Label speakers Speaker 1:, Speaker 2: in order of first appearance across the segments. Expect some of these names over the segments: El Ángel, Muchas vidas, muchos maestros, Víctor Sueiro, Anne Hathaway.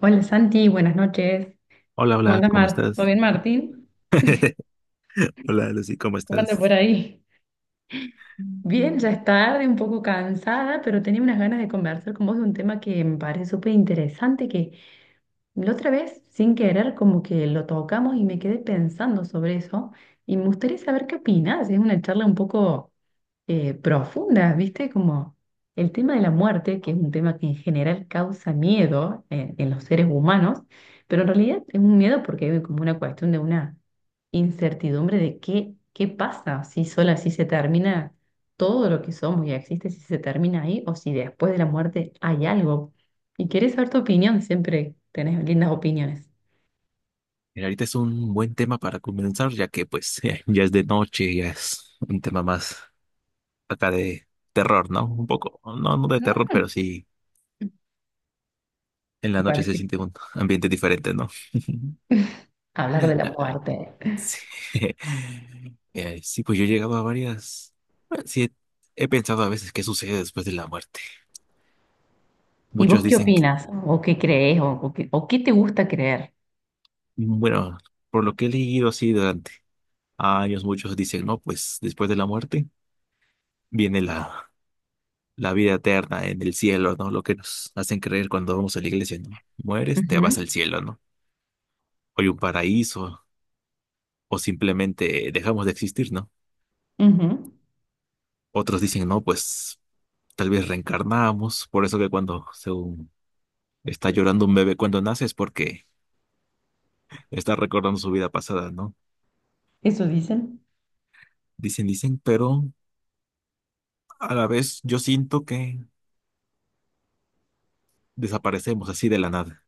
Speaker 1: Hola Santi, buenas noches.
Speaker 2: Hola,
Speaker 1: ¿Cómo
Speaker 2: hola,
Speaker 1: andas,
Speaker 2: ¿cómo
Speaker 1: Mar? ¿Todo
Speaker 2: estás?
Speaker 1: bien, Martín?
Speaker 2: Hola, Lucy, ¿cómo
Speaker 1: ¿Cómo andas por
Speaker 2: estás?
Speaker 1: ahí? Bien,
Speaker 2: Mm.
Speaker 1: ya es tarde, un poco cansada, pero tenía unas ganas de conversar con vos de un tema que me parece súper interesante, que la otra vez, sin querer, como que lo tocamos y me quedé pensando sobre eso y me gustaría saber qué opinás. Es una charla un poco profundas, ¿viste? Como el tema de la muerte, que es un tema que en general causa miedo en los seres humanos, pero en realidad es un miedo porque hay como una cuestión de una incertidumbre de qué pasa, si sola, si se termina todo lo que somos y existe, si se termina ahí o si después de la muerte hay algo. Y querés saber tu opinión, siempre tenés lindas opiniones.
Speaker 2: Mira, ahorita es un buen tema para comenzar, ya que pues ya es de noche, ya es un tema más acá de terror, ¿no? Un poco, no, no de terror,
Speaker 1: Claro.
Speaker 2: pero sí en la
Speaker 1: Me
Speaker 2: noche se
Speaker 1: parece
Speaker 2: siente un ambiente diferente, ¿no?
Speaker 1: hablar de la
Speaker 2: Ah,
Speaker 1: muerte.
Speaker 2: sí. Sí, pues yo he llegado a varias. Bueno, sí, he pensado a veces qué sucede después de la muerte.
Speaker 1: ¿Y vos
Speaker 2: Muchos
Speaker 1: qué
Speaker 2: dicen, que-
Speaker 1: opinas? ¿O qué crees? ¿O qué te gusta creer?
Speaker 2: bueno, por lo que he leído así durante años, muchos dicen, no, pues después de la muerte viene la vida eterna en el cielo, ¿no? Lo que nos hacen creer cuando vamos a la iglesia, ¿no? Mueres, te vas
Speaker 1: Ujú.
Speaker 2: al cielo, ¿no? O hay un paraíso, o simplemente dejamos de existir, ¿no?
Speaker 1: Ujú.
Speaker 2: Otros dicen, no, pues tal vez reencarnamos, por eso que cuando según está llorando un bebé cuando nace es porque está recordando su vida pasada, ¿no?
Speaker 1: Eso dicen.
Speaker 2: Dicen, dicen, pero a la vez yo siento que desaparecemos así de la nada,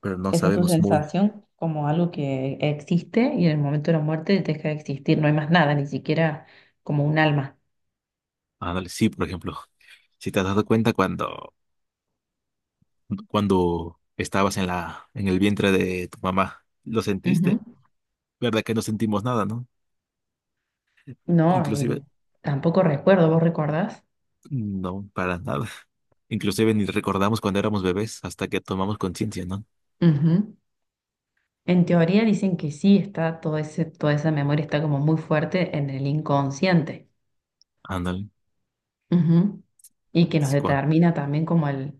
Speaker 2: pero no
Speaker 1: Esa es tu
Speaker 2: sabemos muy
Speaker 1: sensación, como algo que existe y en el momento de la muerte deja de existir. No hay más nada, ni siquiera como un alma.
Speaker 2: Ándale, sí, por ejemplo, si te has dado cuenta cuando estabas en en el vientre de tu mamá, ¿lo
Speaker 1: Ujú.
Speaker 2: sentiste? ¿Verdad que no sentimos nada, no?
Speaker 1: No, y
Speaker 2: Inclusive,
Speaker 1: tampoco recuerdo, ¿vos recordás?
Speaker 2: no, para nada. Inclusive ni recordamos cuando éramos bebés hasta que tomamos conciencia, ¿no?
Speaker 1: Ujú. En teoría dicen que sí está todo ese, toda esa memoria está como muy fuerte en el inconsciente.
Speaker 2: Ándale,
Speaker 1: Ujú. Y que nos
Speaker 2: sí, cua-
Speaker 1: determina también como el...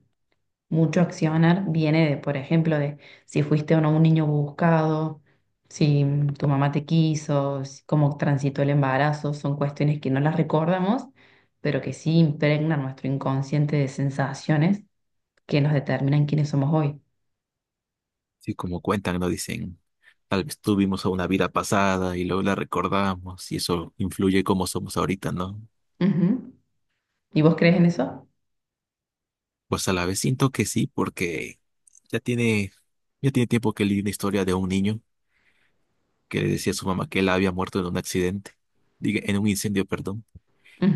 Speaker 1: Mucho accionar viene de, por ejemplo, de si fuiste o no un niño buscado, si tu mamá te quiso, si- cómo transitó el embarazo, son cuestiones que no las recordamos, pero que sí impregnan nuestro inconsciente de sensaciones que nos determinan quiénes somos hoy.
Speaker 2: sí, como cuentan, ¿no? Dicen, tal vez tuvimos una vida pasada y luego la recordamos y eso influye cómo somos ahorita, ¿no?
Speaker 1: Ujú. ¿Y vos crees en eso?
Speaker 2: Pues a la vez siento que sí, porque ya tiene, ya tiene tiempo que leí una historia de un niño que le decía a su mamá que él había muerto en un accidente, diga, en un incendio, perdón,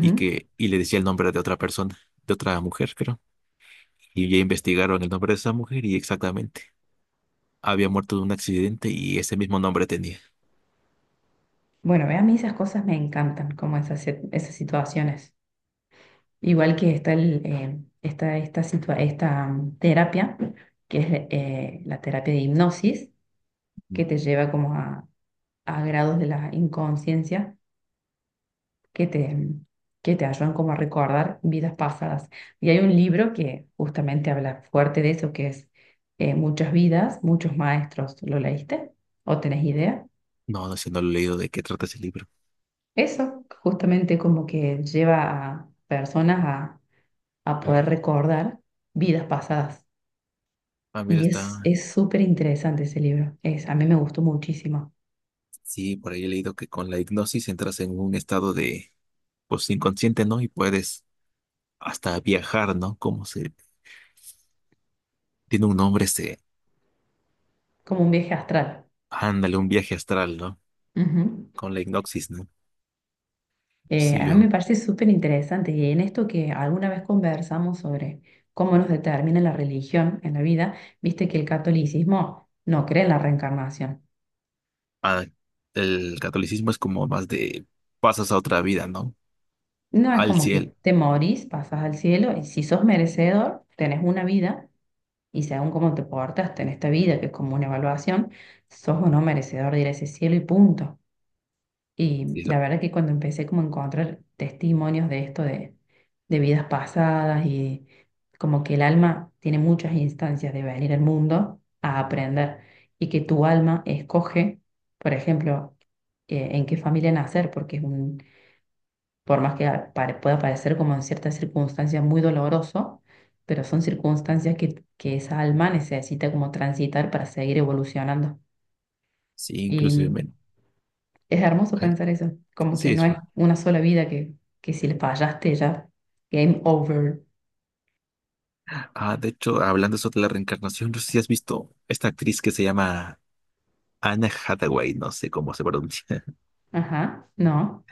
Speaker 2: y le decía el nombre de otra persona, de otra mujer, creo. Y ya investigaron el nombre de esa mujer y exactamente había muerto de un accidente y ese mismo nombre tenía.
Speaker 1: Bueno, ve, a mí esas cosas me encantan, como esas, sit- esas situaciones. Igual que está está esta, situa- esta terapia, que es la terapia de hipnosis que te lleva como a grados de la inconsciencia que te, que te ayudan como a recordar vidas pasadas. Y hay un libro que justamente habla fuerte de eso, que es Muchas vidas, muchos maestros. ¿Lo leíste? ¿O tenés idea?
Speaker 2: No, no sé, no lo he leído de qué trata ese libro.
Speaker 1: Eso justamente como que lleva a personas a poder recordar vidas pasadas.
Speaker 2: Ah, mira,
Speaker 1: Y es
Speaker 2: está.
Speaker 1: es súper interesante ese libro. Es, a mí me gustó muchísimo,
Speaker 2: Sí, por ahí he leído que con la hipnosis entras en un estado de, pues, inconsciente, ¿no? Y puedes hasta viajar, ¿no? Como se tiene un nombre se
Speaker 1: como un viaje astral.
Speaker 2: ándale, un viaje astral, ¿no?
Speaker 1: Ujú.
Speaker 2: Con la hipnosis, ¿no? Sí,
Speaker 1: A mí me
Speaker 2: yo
Speaker 1: parece súper interesante y en esto que alguna vez conversamos sobre cómo nos determina la religión en la vida, viste que el catolicismo no cree en la reencarnación.
Speaker 2: ah, el catolicismo es como más de pasas a otra vida, ¿no?
Speaker 1: No es
Speaker 2: Al
Speaker 1: como
Speaker 2: cielo.
Speaker 1: que te morís, pasas al cielo y si sos merecedor, tenés una vida y según cómo te portas en esta vida, que es como una evaluación, sos o no merecedor de ir a ese cielo y punto. Y la
Speaker 2: Cielo.
Speaker 1: verdad que cuando empecé como a encontrar testimonios de esto, de vidas pasadas y como que el alma tiene muchas instancias de venir al mundo a aprender y que tu alma escoge, por ejemplo, en qué familia nacer, porque es un, por más que a- pare- pueda parecer como en ciertas circunstancias muy doloroso, pero son circunstancias que esa alma necesita como transitar para seguir evolucionando.
Speaker 2: Sí, inclusive. Men.
Speaker 1: Es hermoso
Speaker 2: Ay,
Speaker 1: pensar eso, como que
Speaker 2: sí,
Speaker 1: no
Speaker 2: eso.
Speaker 1: es una sola vida que si le fallaste ya, game over.
Speaker 2: Ah, de hecho, hablando sobre la reencarnación, no sé si has visto esta actriz que se llama Anna Hathaway, no sé cómo se pronuncia.
Speaker 1: Ajá, no.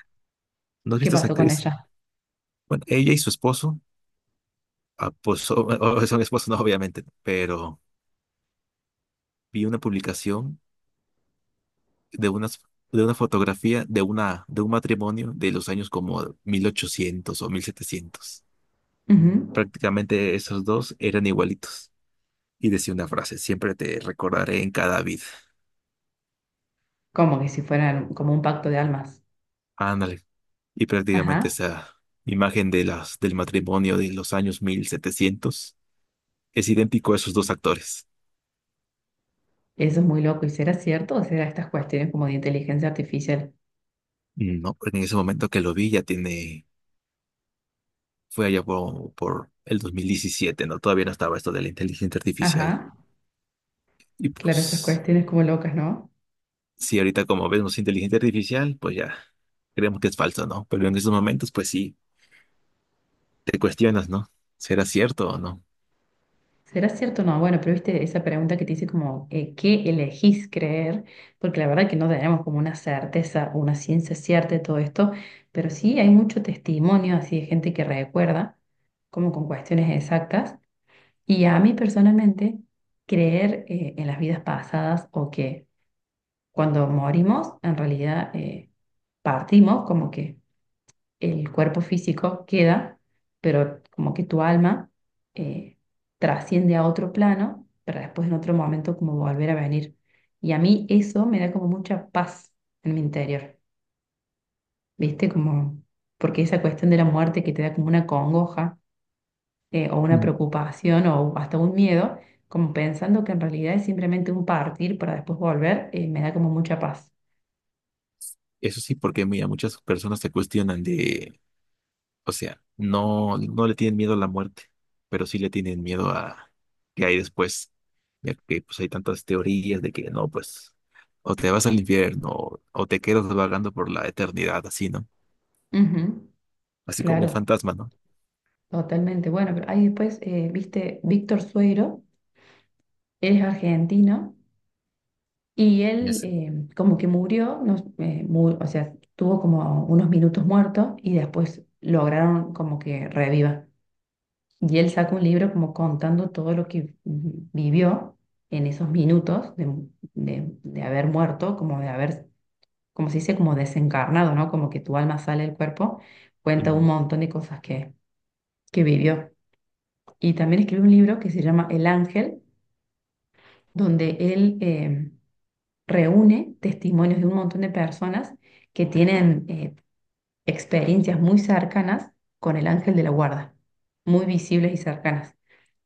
Speaker 2: ¿No has
Speaker 1: ¿Qué
Speaker 2: visto esa
Speaker 1: pasó con
Speaker 2: actriz?
Speaker 1: ella?
Speaker 2: Bueno, ella y su esposo, ah, pues son, o- son esposos, no, obviamente, pero vi una publicación de unas de una fotografía de un matrimonio de los años como 1800 o 1700.
Speaker 1: Ujú.
Speaker 2: Prácticamente esos dos eran igualitos. Y decía una frase, siempre te recordaré en cada vida.
Speaker 1: Como que si fueran como un pacto de almas.
Speaker 2: Ándale. Y prácticamente
Speaker 1: Ajá,
Speaker 2: esa imagen de del matrimonio de los años 1700 es idéntico a esos dos actores.
Speaker 1: eso es muy loco. ¿Y será cierto o será estas cuestiones como de inteligencia artificial?
Speaker 2: No, en ese momento que lo vi ya tiene, fue allá por el 2017, ¿no? Todavía no estaba esto de la inteligencia artificial.
Speaker 1: Ajá,
Speaker 2: Y
Speaker 1: claro, esas
Speaker 2: pues,
Speaker 1: cuestiones como locas, ¿no?
Speaker 2: si ahorita como vemos inteligencia artificial, pues ya creemos que es falso, ¿no? Pero en esos momentos, pues sí, te cuestionas, ¿no? ¿Será cierto o no?
Speaker 1: ¿Será cierto o no? Bueno, pero viste esa pregunta que te hice como, ¿qué elegís creer? Porque la verdad que no tenemos como una certeza, una ciencia cierta de todo esto, pero sí hay mucho testimonio así de gente que recuerda, como con cuestiones exactas. Y a mí personalmente, creer en las vidas pasadas o que cuando morimos, en realidad partimos, como que el cuerpo físico queda, pero como que tu alma eh, trasciende a otro plano para después en otro momento como volver a venir. Y a mí eso me da como mucha paz en mi interior, ¿viste? Como, porque esa cuestión de la muerte que te da como una congoja o una preocupación o hasta un miedo, como pensando que en realidad es simplemente un partir para después volver, me da como mucha paz.
Speaker 2: Eso sí, porque mira, muchas personas se cuestionan de, o sea, no, no le tienen miedo a la muerte, pero sí le tienen miedo a qué hay después. Ya que pues hay tantas teorías de que no, pues, o te vas al infierno, o te quedas vagando por la eternidad, así, ¿no?
Speaker 1: Ujú,
Speaker 2: Así como un
Speaker 1: claro,
Speaker 2: fantasma, ¿no?
Speaker 1: totalmente. Bueno, pero ahí después, viste, Víctor Sueiro. Él es argentino y él
Speaker 2: Yes.
Speaker 1: como que murió, no, mu- o sea, tuvo como unos minutos muertos y después lograron como que reviva. Y él sacó un libro como contando todo lo que vi- vivió en esos minutos de haber muerto, como de haber, como se dice, como desencarnado, ¿no? Como que tu alma sale del cuerpo, cuenta un
Speaker 2: Ujú.
Speaker 1: montón de cosas que vivió. Y también escribió un libro que se llama El Ángel, donde él... reúne testimonios de un montón de personas que tienen experiencias muy cercanas con el ángel de la guarda, muy visibles y cercanas.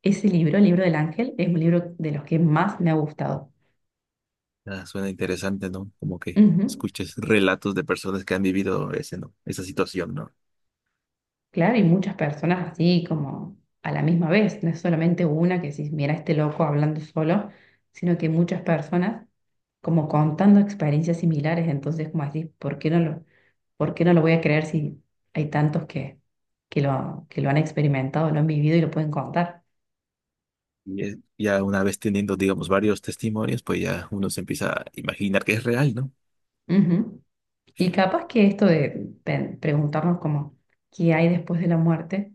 Speaker 1: Ese libro, el libro del ángel, es un libro de los que más me ha gustado.
Speaker 2: Ah, suena interesante, ¿no? Como que
Speaker 1: Ujú.
Speaker 2: escuches relatos de personas que han vivido ese, ¿no? Esa situación, ¿no?
Speaker 1: Claro, y muchas personas así como a la misma vez, no es solamente una que si mira este loco hablando solo, sino que muchas personas como contando experiencias similares, entonces como así ¿por qué no lo, por qué no lo voy a creer si hay tantos que lo han experimentado, lo han vivido y lo pueden contar?
Speaker 2: Y ya una vez teniendo, digamos, varios testimonios, pues ya uno se empieza a imaginar que es real, ¿no?
Speaker 1: Ujú. Y capaz que esto de pe- preguntarnos como qué hay después de la muerte,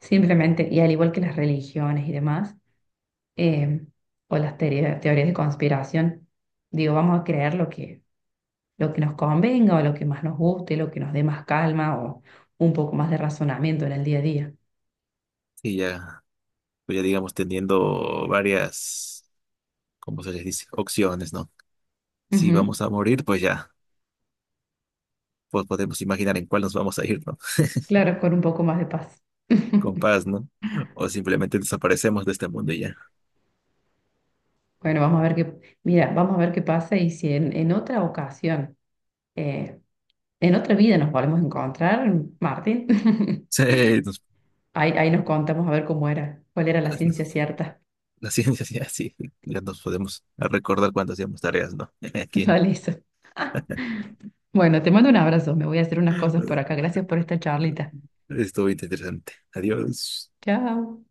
Speaker 1: simplemente, y al igual que las religiones y demás, eh, o las teoría- teorías de conspiración. Digo, vamos a creer lo que nos convenga o lo que más nos guste, lo que nos dé más calma o un poco más de razonamiento en el día a día.
Speaker 2: Y ya, pues ya digamos teniendo varias, ¿cómo se les dice? Opciones, ¿no? Si
Speaker 1: Ujú,
Speaker 2: vamos a morir, pues ya, pues podemos imaginar en cuál nos vamos a ir, ¿no?
Speaker 1: claro, con un poco más de paz.
Speaker 2: Con paz, ¿no? O simplemente desaparecemos de este mundo y ya.
Speaker 1: Bueno, vamos a ver qué, mira, vamos a ver qué pasa y si en, en otra ocasión, eh, en otra vida nos volvemos a encontrar, Martín,
Speaker 2: Sí, nos-
Speaker 1: ahí, ahí nos contamos a ver cómo era, cuál era la ciencia
Speaker 2: nos-
Speaker 1: cierta.
Speaker 2: la ciencia sí, así, ya nos podemos recordar cuando hacíamos tareas, ¿no? Aquí.
Speaker 1: Vale, eso. Bueno, te mando un abrazo, me voy a hacer unas cosas por acá. Gracias por esta charlita.
Speaker 2: Estuvo interesante. Adiós.
Speaker 1: Chao.